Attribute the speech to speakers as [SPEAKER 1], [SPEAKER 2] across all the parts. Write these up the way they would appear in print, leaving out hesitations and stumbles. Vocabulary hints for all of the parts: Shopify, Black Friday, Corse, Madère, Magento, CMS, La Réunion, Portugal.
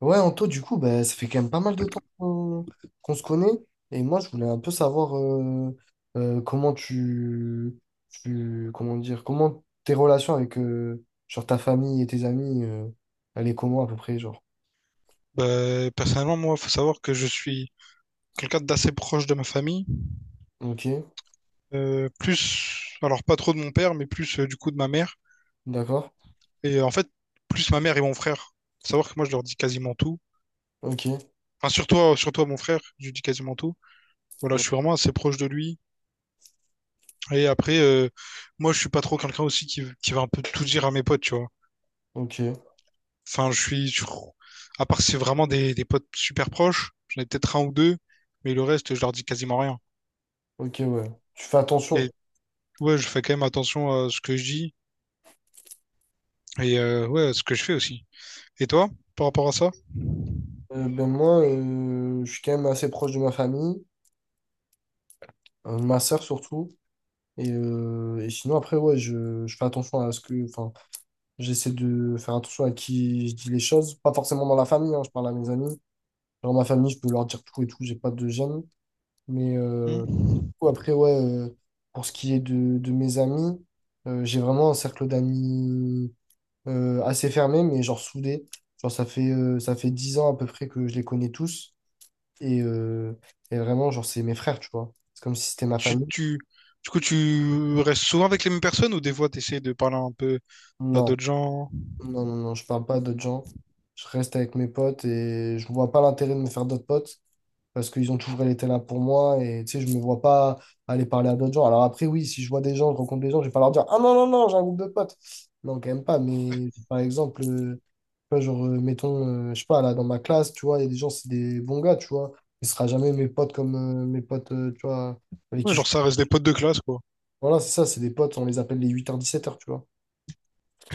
[SPEAKER 1] Ouais, Anto, du coup, bah, ça fait quand même pas mal de temps qu'on se connaît. Et moi, je voulais un peu savoir comment comment dire? Comment tes relations avec genre ta famille et tes amis, elle est comment à peu près, genre?
[SPEAKER 2] Bah, personnellement, moi, faut savoir que je suis quelqu'un d'assez proche de ma famille.
[SPEAKER 1] Ok,
[SPEAKER 2] Plus, alors pas trop de mon père, mais plus du coup de ma mère.
[SPEAKER 1] d'accord?
[SPEAKER 2] Et en fait, plus ma mère et mon frère. Faut savoir que moi, je leur dis quasiment tout.
[SPEAKER 1] Ok,
[SPEAKER 2] Enfin, surtout, surtout à mon frère, je lui dis quasiment tout. Voilà, je
[SPEAKER 1] ouais,
[SPEAKER 2] suis vraiment assez proche de lui. Et après, moi, je suis pas trop quelqu'un aussi qui va un peu tout dire à mes potes, tu vois.
[SPEAKER 1] ok,
[SPEAKER 2] Enfin, à part si c'est vraiment des potes super proches, j'en ai peut-être un ou deux, mais le reste, je leur dis quasiment rien.
[SPEAKER 1] ok, ouais. Tu fais attention.
[SPEAKER 2] Et ouais, je fais quand même attention à ce que je dis. Et ouais, ce que je fais aussi. Et toi, par rapport à ça?
[SPEAKER 1] Ben moi, je suis quand même assez proche de ma famille, ma sœur surtout. Et sinon, après, ouais, je fais attention à ce que, enfin, j'essaie de faire attention à qui je dis les choses. Pas forcément dans la famille, hein, je parle à mes amis. Dans ma famille, je peux leur dire tout et tout, j'ai pas de gêne. Mais du
[SPEAKER 2] Hmm.
[SPEAKER 1] coup, après, ouais, pour ce qui est de mes amis, j'ai vraiment un cercle d'amis assez fermé, mais genre soudé. Genre, ça fait 10 ans à peu près que je les connais tous. Et, euh, et vraiment, genre, c'est mes frères, tu vois. C'est comme si c'était
[SPEAKER 2] Et
[SPEAKER 1] ma
[SPEAKER 2] Tu,
[SPEAKER 1] famille.
[SPEAKER 2] tu, du coup, tu restes souvent avec les mêmes personnes ou des fois tu essaies de parler un peu à
[SPEAKER 1] Non,
[SPEAKER 2] d'autres gens?
[SPEAKER 1] non, non, non, je parle pas à d'autres gens. Je reste avec mes potes et je vois pas l'intérêt de me faire d'autres potes. Parce qu'ils ont toujours été là pour moi et tu sais, je me vois pas aller parler à d'autres gens. Alors après, oui, si je vois des gens, je rencontre des gens, je vais pas leur dire, ah non, non, non, j'ai un groupe de potes. Non, quand même pas, mais par exemple, tu vois, genre, mettons, je sais pas, là, dans ma classe, tu vois, il y a des gens, c'est des bons gars, tu vois, mais ce sera jamais mes potes comme mes potes, tu vois, avec
[SPEAKER 2] Ouais,
[SPEAKER 1] qui je...
[SPEAKER 2] genre ça reste des potes de classe, quoi.
[SPEAKER 1] Voilà, c'est ça, c'est des potes, on les appelle les 8h-17h, tu vois.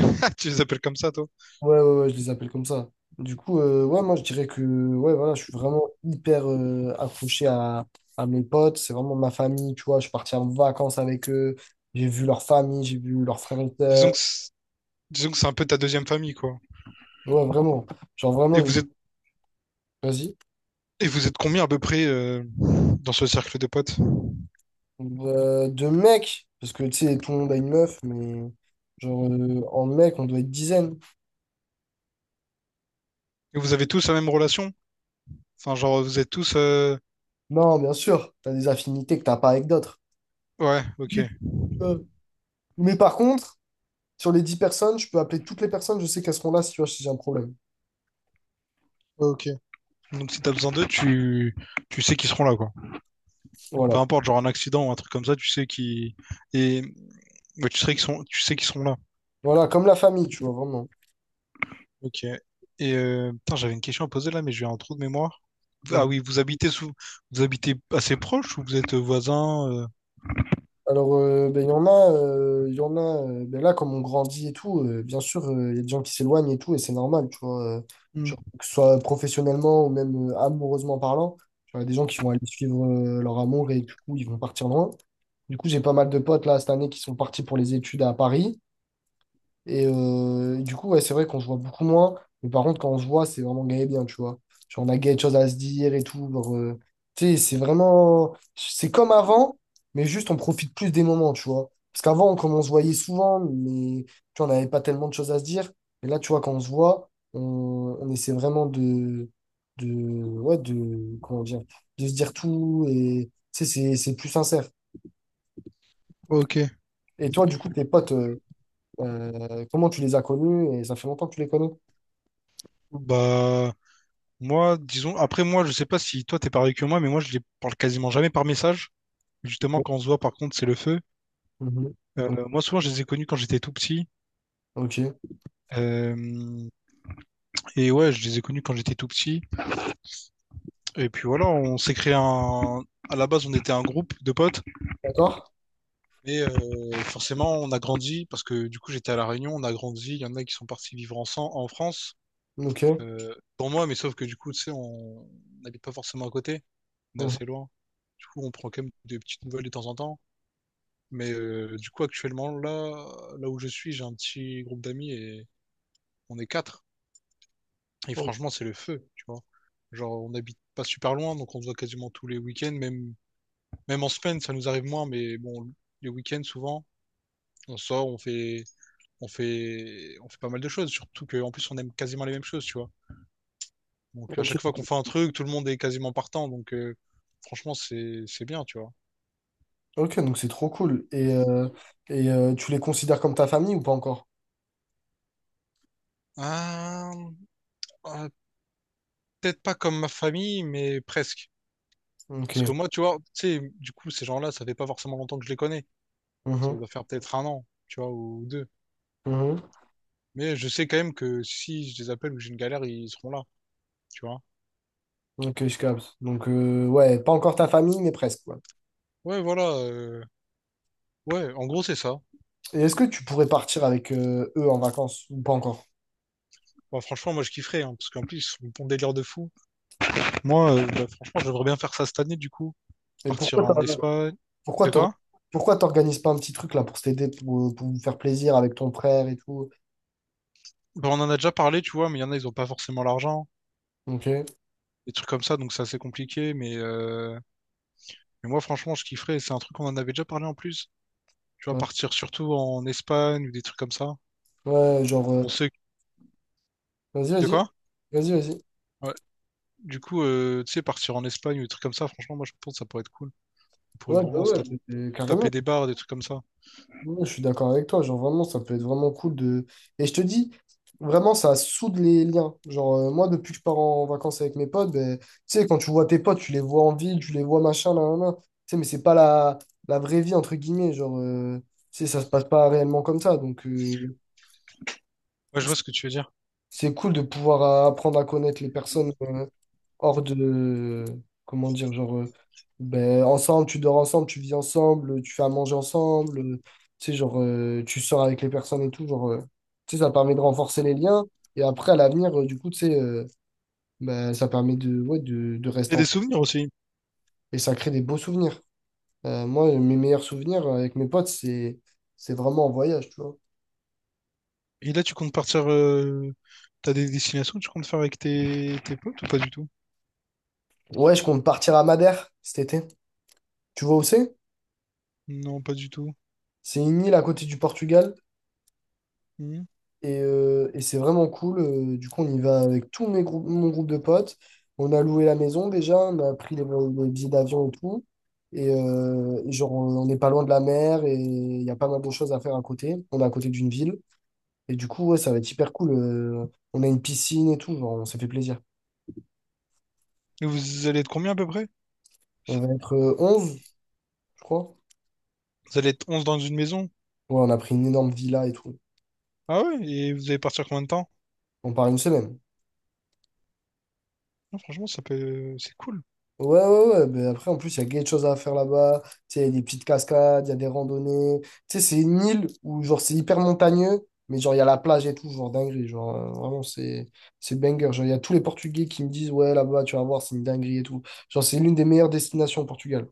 [SPEAKER 2] Tu les appelles comme ça, toi?
[SPEAKER 1] Ouais, ouais, ouais, je les appelle comme ça. Du coup, ouais, moi, je dirais que ouais, voilà, je suis vraiment hyper accroché à mes potes. C'est vraiment ma famille, tu vois. Je suis parti en vacances avec eux. J'ai vu leur famille, j'ai vu leurs frères et sœurs.
[SPEAKER 2] Disons que c'est- Disons que c'est un peu ta deuxième famille, quoi.
[SPEAKER 1] Ouais, vraiment. Genre, vraiment,
[SPEAKER 2] Et vous êtes
[SPEAKER 1] vas-y.
[SPEAKER 2] et vous êtes combien à peu près dans ce cercle de potes?
[SPEAKER 1] De mecs, parce que, tu sais, tout le monde a une meuf, mais genre, en mec, on doit être dizaines.
[SPEAKER 2] Et vous avez tous la même relation? Enfin, genre vous êtes tous
[SPEAKER 1] Non, bien sûr, t'as des affinités que t'as pas avec d'autres.
[SPEAKER 2] ouais, ok,
[SPEAKER 1] J'ai-
[SPEAKER 2] ouais,
[SPEAKER 1] Euh, mais par contre, sur les 10 personnes, je peux appeler toutes les personnes, je sais qu'elles seront là si, tu vois, si j'ai un problème.
[SPEAKER 2] ok. Donc si t'as besoin d'eux, tu sais qu'ils seront là, quoi. Peu
[SPEAKER 1] Voilà.
[SPEAKER 2] importe, genre un accident ou un truc comme ça, tu sais qu'ils et ouais, tu sais qu'ils seront là.
[SPEAKER 1] Voilà, comme la famille, tu vois, vraiment.
[SPEAKER 2] Ok. Et putain, j'avais une question à poser là, mais j'ai un trou de mémoire.
[SPEAKER 1] Mm.
[SPEAKER 2] Ah oui, vous habitez assez proche ou vous êtes voisins?
[SPEAKER 1] Alors, ben, il y en a, il y en a ben, là, comme on grandit et tout, bien sûr, il y a des gens qui s'éloignent et tout, et c'est normal, tu vois,
[SPEAKER 2] Hmm.
[SPEAKER 1] genre, que ce soit professionnellement ou même amoureusement parlant, tu vois, il y a des gens qui vont aller suivre leur amour et du coup, ils vont partir loin. Du coup, j'ai pas mal de potes là cette année qui sont partis pour les études à Paris. Et du coup, ouais, c'est vrai qu'on se voit beaucoup moins. Mais par contre, quand on se voit, c'est vraiment gay et bien, tu vois. Genre, on a quelque chose à se dire et tout. Genre, tu sais, c'est vraiment, c'est comme avant, mais juste on profite plus des moments, tu vois. Parce qu'avant, comme on se voyait souvent, mais tu vois, on n'avait pas tellement de choses à se dire. Et là, tu vois, quand on se voit, on essaie vraiment de, ouais, de. Comment dire? De se dire tout. Et tu sais, c'est plus sincère.
[SPEAKER 2] Ok.
[SPEAKER 1] Et toi, du coup, tes potes, comment tu les as connus? Et ça fait longtemps que tu les connais?
[SPEAKER 2] Bah, moi, disons, après moi, je sais pas si toi t'es pareil que moi, mais moi je les parle quasiment jamais par message. Justement, quand on se voit, par contre, c'est le feu.
[SPEAKER 1] Mhm.
[SPEAKER 2] Moi, souvent, je les ai connus quand j'étais tout petit.
[SPEAKER 1] Ok.
[SPEAKER 2] Euh, et ouais, je les ai connus quand j'étais tout petit. Et puis voilà, on s'est créé un. À la base, on était un groupe de potes,
[SPEAKER 1] D'accord?
[SPEAKER 2] mais forcément, on a grandi parce que du coup, j'étais à La Réunion, on a grandi. Il y en a qui sont partis vivre ensemble en France.
[SPEAKER 1] Ok.
[SPEAKER 2] Pour moi, mais sauf que du coup, tu sais, on n'habite pas forcément à côté. On est
[SPEAKER 1] Mhm.
[SPEAKER 2] assez loin. Du coup, on prend quand même des petites nouvelles de temps en temps. Mais du coup, actuellement, là où je suis, j'ai un petit groupe d'amis et on est quatre. Et franchement, c'est le feu, tu vois. Genre, on n'habite pas super loin, donc on se voit quasiment tous les week-ends, même en semaine, ça nous arrive moins, mais bon, les week-ends, souvent, on sort, on fait pas mal de choses, surtout qu'en plus, on aime quasiment les mêmes choses, tu vois. Donc, à
[SPEAKER 1] Ok.
[SPEAKER 2] chaque fois qu'on fait un truc, tout le monde est quasiment partant, donc franchement, c'est bien, tu vois.
[SPEAKER 1] Ok, donc c'est trop cool. Et tu les considères comme ta famille ou pas encore?
[SPEAKER 2] Ah, ah, peut-être pas comme ma famille, mais presque.
[SPEAKER 1] Ok.
[SPEAKER 2] Parce que moi, tu vois, tu sais, du coup, ces gens-là, ça fait pas forcément longtemps que je les connais. Ça
[SPEAKER 1] Mhm.
[SPEAKER 2] doit faire peut-être un an, tu vois, ou deux.
[SPEAKER 1] Mhm.
[SPEAKER 2] Mais je sais quand même que si je les appelle ou que j'ai une galère, ils seront là, tu vois.
[SPEAKER 1] Ok, je capte. Donc, ouais, pas encore ta famille, mais presque, quoi.
[SPEAKER 2] Ouais, voilà. Ouais, en gros, c'est ça.
[SPEAKER 1] Et est-ce que tu pourrais partir avec eux en vacances ou pas encore?
[SPEAKER 2] Bah, franchement, moi, je kifferais, hein, parce qu'en plus, ils sont bon délire de fou. Moi, bah, franchement, j'aimerais bien faire ça cette année, du coup.
[SPEAKER 1] Et
[SPEAKER 2] Partir en Espagne.
[SPEAKER 1] pourquoi
[SPEAKER 2] De
[SPEAKER 1] t'or-
[SPEAKER 2] quoi?
[SPEAKER 1] pourquoi t'organises pas un petit truc là pour t'aider, pour vous faire plaisir avec ton frère et tout?
[SPEAKER 2] Bah, on en a déjà parlé, tu vois, mais il y en a, ils ont pas forcément l'argent.
[SPEAKER 1] Ok.
[SPEAKER 2] Des trucs comme ça, donc c'est assez compliqué. Mais moi, franchement, je kifferais. C'est un truc qu'on en avait déjà parlé en plus. Tu vois,
[SPEAKER 1] Ouais,
[SPEAKER 2] partir surtout en Espagne ou des trucs comme ça.
[SPEAKER 1] ouais, genre,
[SPEAKER 2] On sait...
[SPEAKER 1] vas-y,
[SPEAKER 2] De
[SPEAKER 1] vas-y.
[SPEAKER 2] quoi?
[SPEAKER 1] Vas-y, vas-y.
[SPEAKER 2] Ouais. Du coup, tu sais, partir en Espagne ou des trucs comme ça, franchement, moi, je pense que ça pourrait être cool. On pourrait
[SPEAKER 1] Ouais, bah
[SPEAKER 2] vraiment se
[SPEAKER 1] ouais, mais
[SPEAKER 2] taper
[SPEAKER 1] carrément.
[SPEAKER 2] des bars, des trucs comme ça.
[SPEAKER 1] Ouais, je suis d'accord avec toi, genre vraiment, ça peut être vraiment cool de... Et je te dis, vraiment, ça soude les liens. Genre, moi, depuis que je pars en vacances avec mes potes, ben, tu sais, quand tu vois tes potes, tu les vois en ville, tu les vois machin, là, là, là. Tu sais, mais c'est pas la vraie vie, entre guillemets, genre, tu sais, ça se passe pas réellement comme ça, donc
[SPEAKER 2] Ouais, je
[SPEAKER 1] c'est
[SPEAKER 2] vois ce que tu veux dire.
[SPEAKER 1] cool de pouvoir apprendre à connaître les personnes, hors de, comment dire, genre, ben, ensemble, tu dors ensemble, tu vis ensemble, tu fais à manger ensemble, tu sais, genre, tu sors avec les personnes et tout, genre, tu sais, ça permet de renforcer les liens. Et après, à l'avenir, du coup, tu sais, ben, ça permet de, ouais, de rester
[SPEAKER 2] Créer des
[SPEAKER 1] en...
[SPEAKER 2] souvenirs aussi.
[SPEAKER 1] Et ça crée des beaux souvenirs. Moi, mes meilleurs souvenirs avec mes potes, c'est vraiment en voyage, tu vois.
[SPEAKER 2] Et là, tu comptes partir. T'as des destinations que tu comptes faire avec tes potes ou pas du tout?
[SPEAKER 1] Ouais, je compte partir à Madère cet été. Tu vois où c'est?
[SPEAKER 2] Non, pas du tout.
[SPEAKER 1] C'est une île à côté du Portugal.
[SPEAKER 2] Hmm.
[SPEAKER 1] Et c'est vraiment cool. Du coup, on y va avec mon groupe de potes. On a loué la maison déjà, on a pris les billets d'avion et tout. Et genre, on n'est pas loin de la mer et il y a pas mal de choses à faire à côté. On est à côté d'une ville. Et du coup, ouais, ça va être hyper cool. On a une piscine et tout, genre, on s'est fait plaisir.
[SPEAKER 2] Et vous allez être combien à peu près?
[SPEAKER 1] On va être 11, je crois.
[SPEAKER 2] Vous allez être 11 dans une maison?
[SPEAKER 1] Ouais, on a pris une énorme villa et tout.
[SPEAKER 2] Ah ouais? Et vous allez partir combien de temps?
[SPEAKER 1] On part une semaine.
[SPEAKER 2] Non, franchement, c'est cool.
[SPEAKER 1] Ouais, ouais, ouais. Mais après, en plus, il y a gay de choses à faire là-bas. Tu sais, il y a des petites cascades, il y a des randonnées. Tu sais, c'est une île où, genre, c'est hyper montagneux, mais genre, il y a la plage et tout, genre, dinguerie. Genre, vraiment, c'est banger. Genre, il y a tous les Portugais qui me disent, ouais, là-bas, tu vas voir, c'est une dinguerie et tout. Genre, c'est l'une des meilleures destinations au Portugal.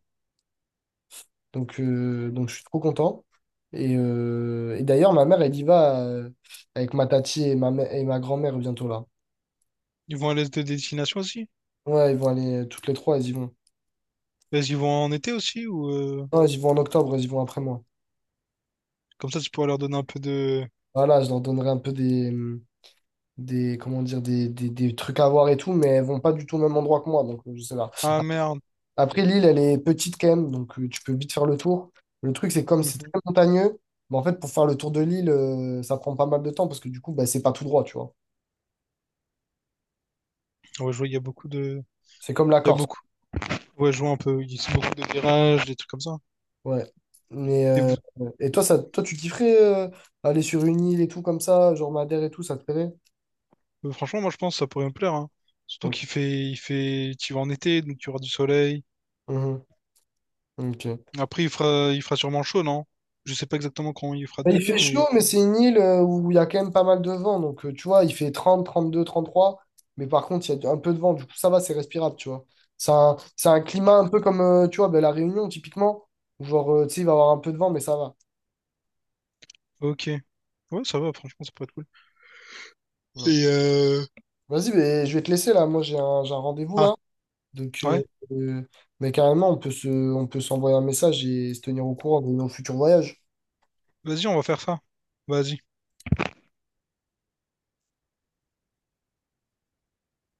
[SPEAKER 1] Donc je suis trop content. Et d'ailleurs, ma mère, elle y va avec ma tati et ma grand-mère bientôt là.
[SPEAKER 2] Ils vont à l'est de destination aussi?
[SPEAKER 1] Ouais, ils vont aller, toutes les trois, elles y vont.
[SPEAKER 2] Ils vont en été aussi
[SPEAKER 1] Non, elles y vont en octobre, elles y vont après moi.
[SPEAKER 2] Comme ça, tu pourras leur donner un peu de...
[SPEAKER 1] Voilà, je leur donnerai un peu des comment dire, des trucs à voir et tout, mais elles vont pas du tout au même endroit que moi, donc je sais pas.
[SPEAKER 2] Ah merde.
[SPEAKER 1] Après, l'île, elle est petite quand même, donc tu peux vite faire le tour. Le truc, c'est comme c'est
[SPEAKER 2] Mhm.
[SPEAKER 1] très montagneux, mais en fait, pour faire le tour de l'île, ça prend pas mal de temps parce que du coup, bah, c'est pas tout droit, tu vois.
[SPEAKER 2] Ouais, je vois, il y a beaucoup de...
[SPEAKER 1] C'est comme la
[SPEAKER 2] Il y a
[SPEAKER 1] Corse.
[SPEAKER 2] beaucoup... Ouais, je vois un peu... Il y a beaucoup de virages, des trucs comme ça.
[SPEAKER 1] Ouais. Mais,
[SPEAKER 2] Et vous-
[SPEAKER 1] et toi, tu kifferais aller sur une île et tout comme ça, genre Madère et tout, ça te plairait?
[SPEAKER 2] Franchement, moi, je pense que ça pourrait me plaire, hein. Surtout
[SPEAKER 1] Ok.
[SPEAKER 2] qu'il fait... Il fait... tu vas en été, donc tu auras du soleil.
[SPEAKER 1] Mhm. Ok.
[SPEAKER 2] Après, il fera sûrement chaud, non? Je sais pas exactement quand il fera de
[SPEAKER 1] Il fait
[SPEAKER 2] degrés, mais...
[SPEAKER 1] chaud, mais c'est une île où il y a quand même pas mal de vent. Donc, tu vois, il fait 30, 32, 33. Mais par contre, il y a un peu de vent. Du coup, ça va, c'est respirable, tu vois. C'est un climat un peu comme, tu vois, ben, La Réunion, typiquement, où genre, tu sais, il va y avoir un peu de vent, mais ça va.
[SPEAKER 2] Ok. Ouais, ça va, franchement, ça pourrait être cool.
[SPEAKER 1] Ouais.
[SPEAKER 2] Et euh...
[SPEAKER 1] Vas-y, ben, je vais te laisser, là. Moi, j'ai un rendez-vous,
[SPEAKER 2] Ah,
[SPEAKER 1] là. Donc,
[SPEAKER 2] ouais.
[SPEAKER 1] euh, mais carrément, on peut s'envoyer un message et se tenir au courant de nos futurs voyages.
[SPEAKER 2] Vas-y, on va faire ça. Vas-y.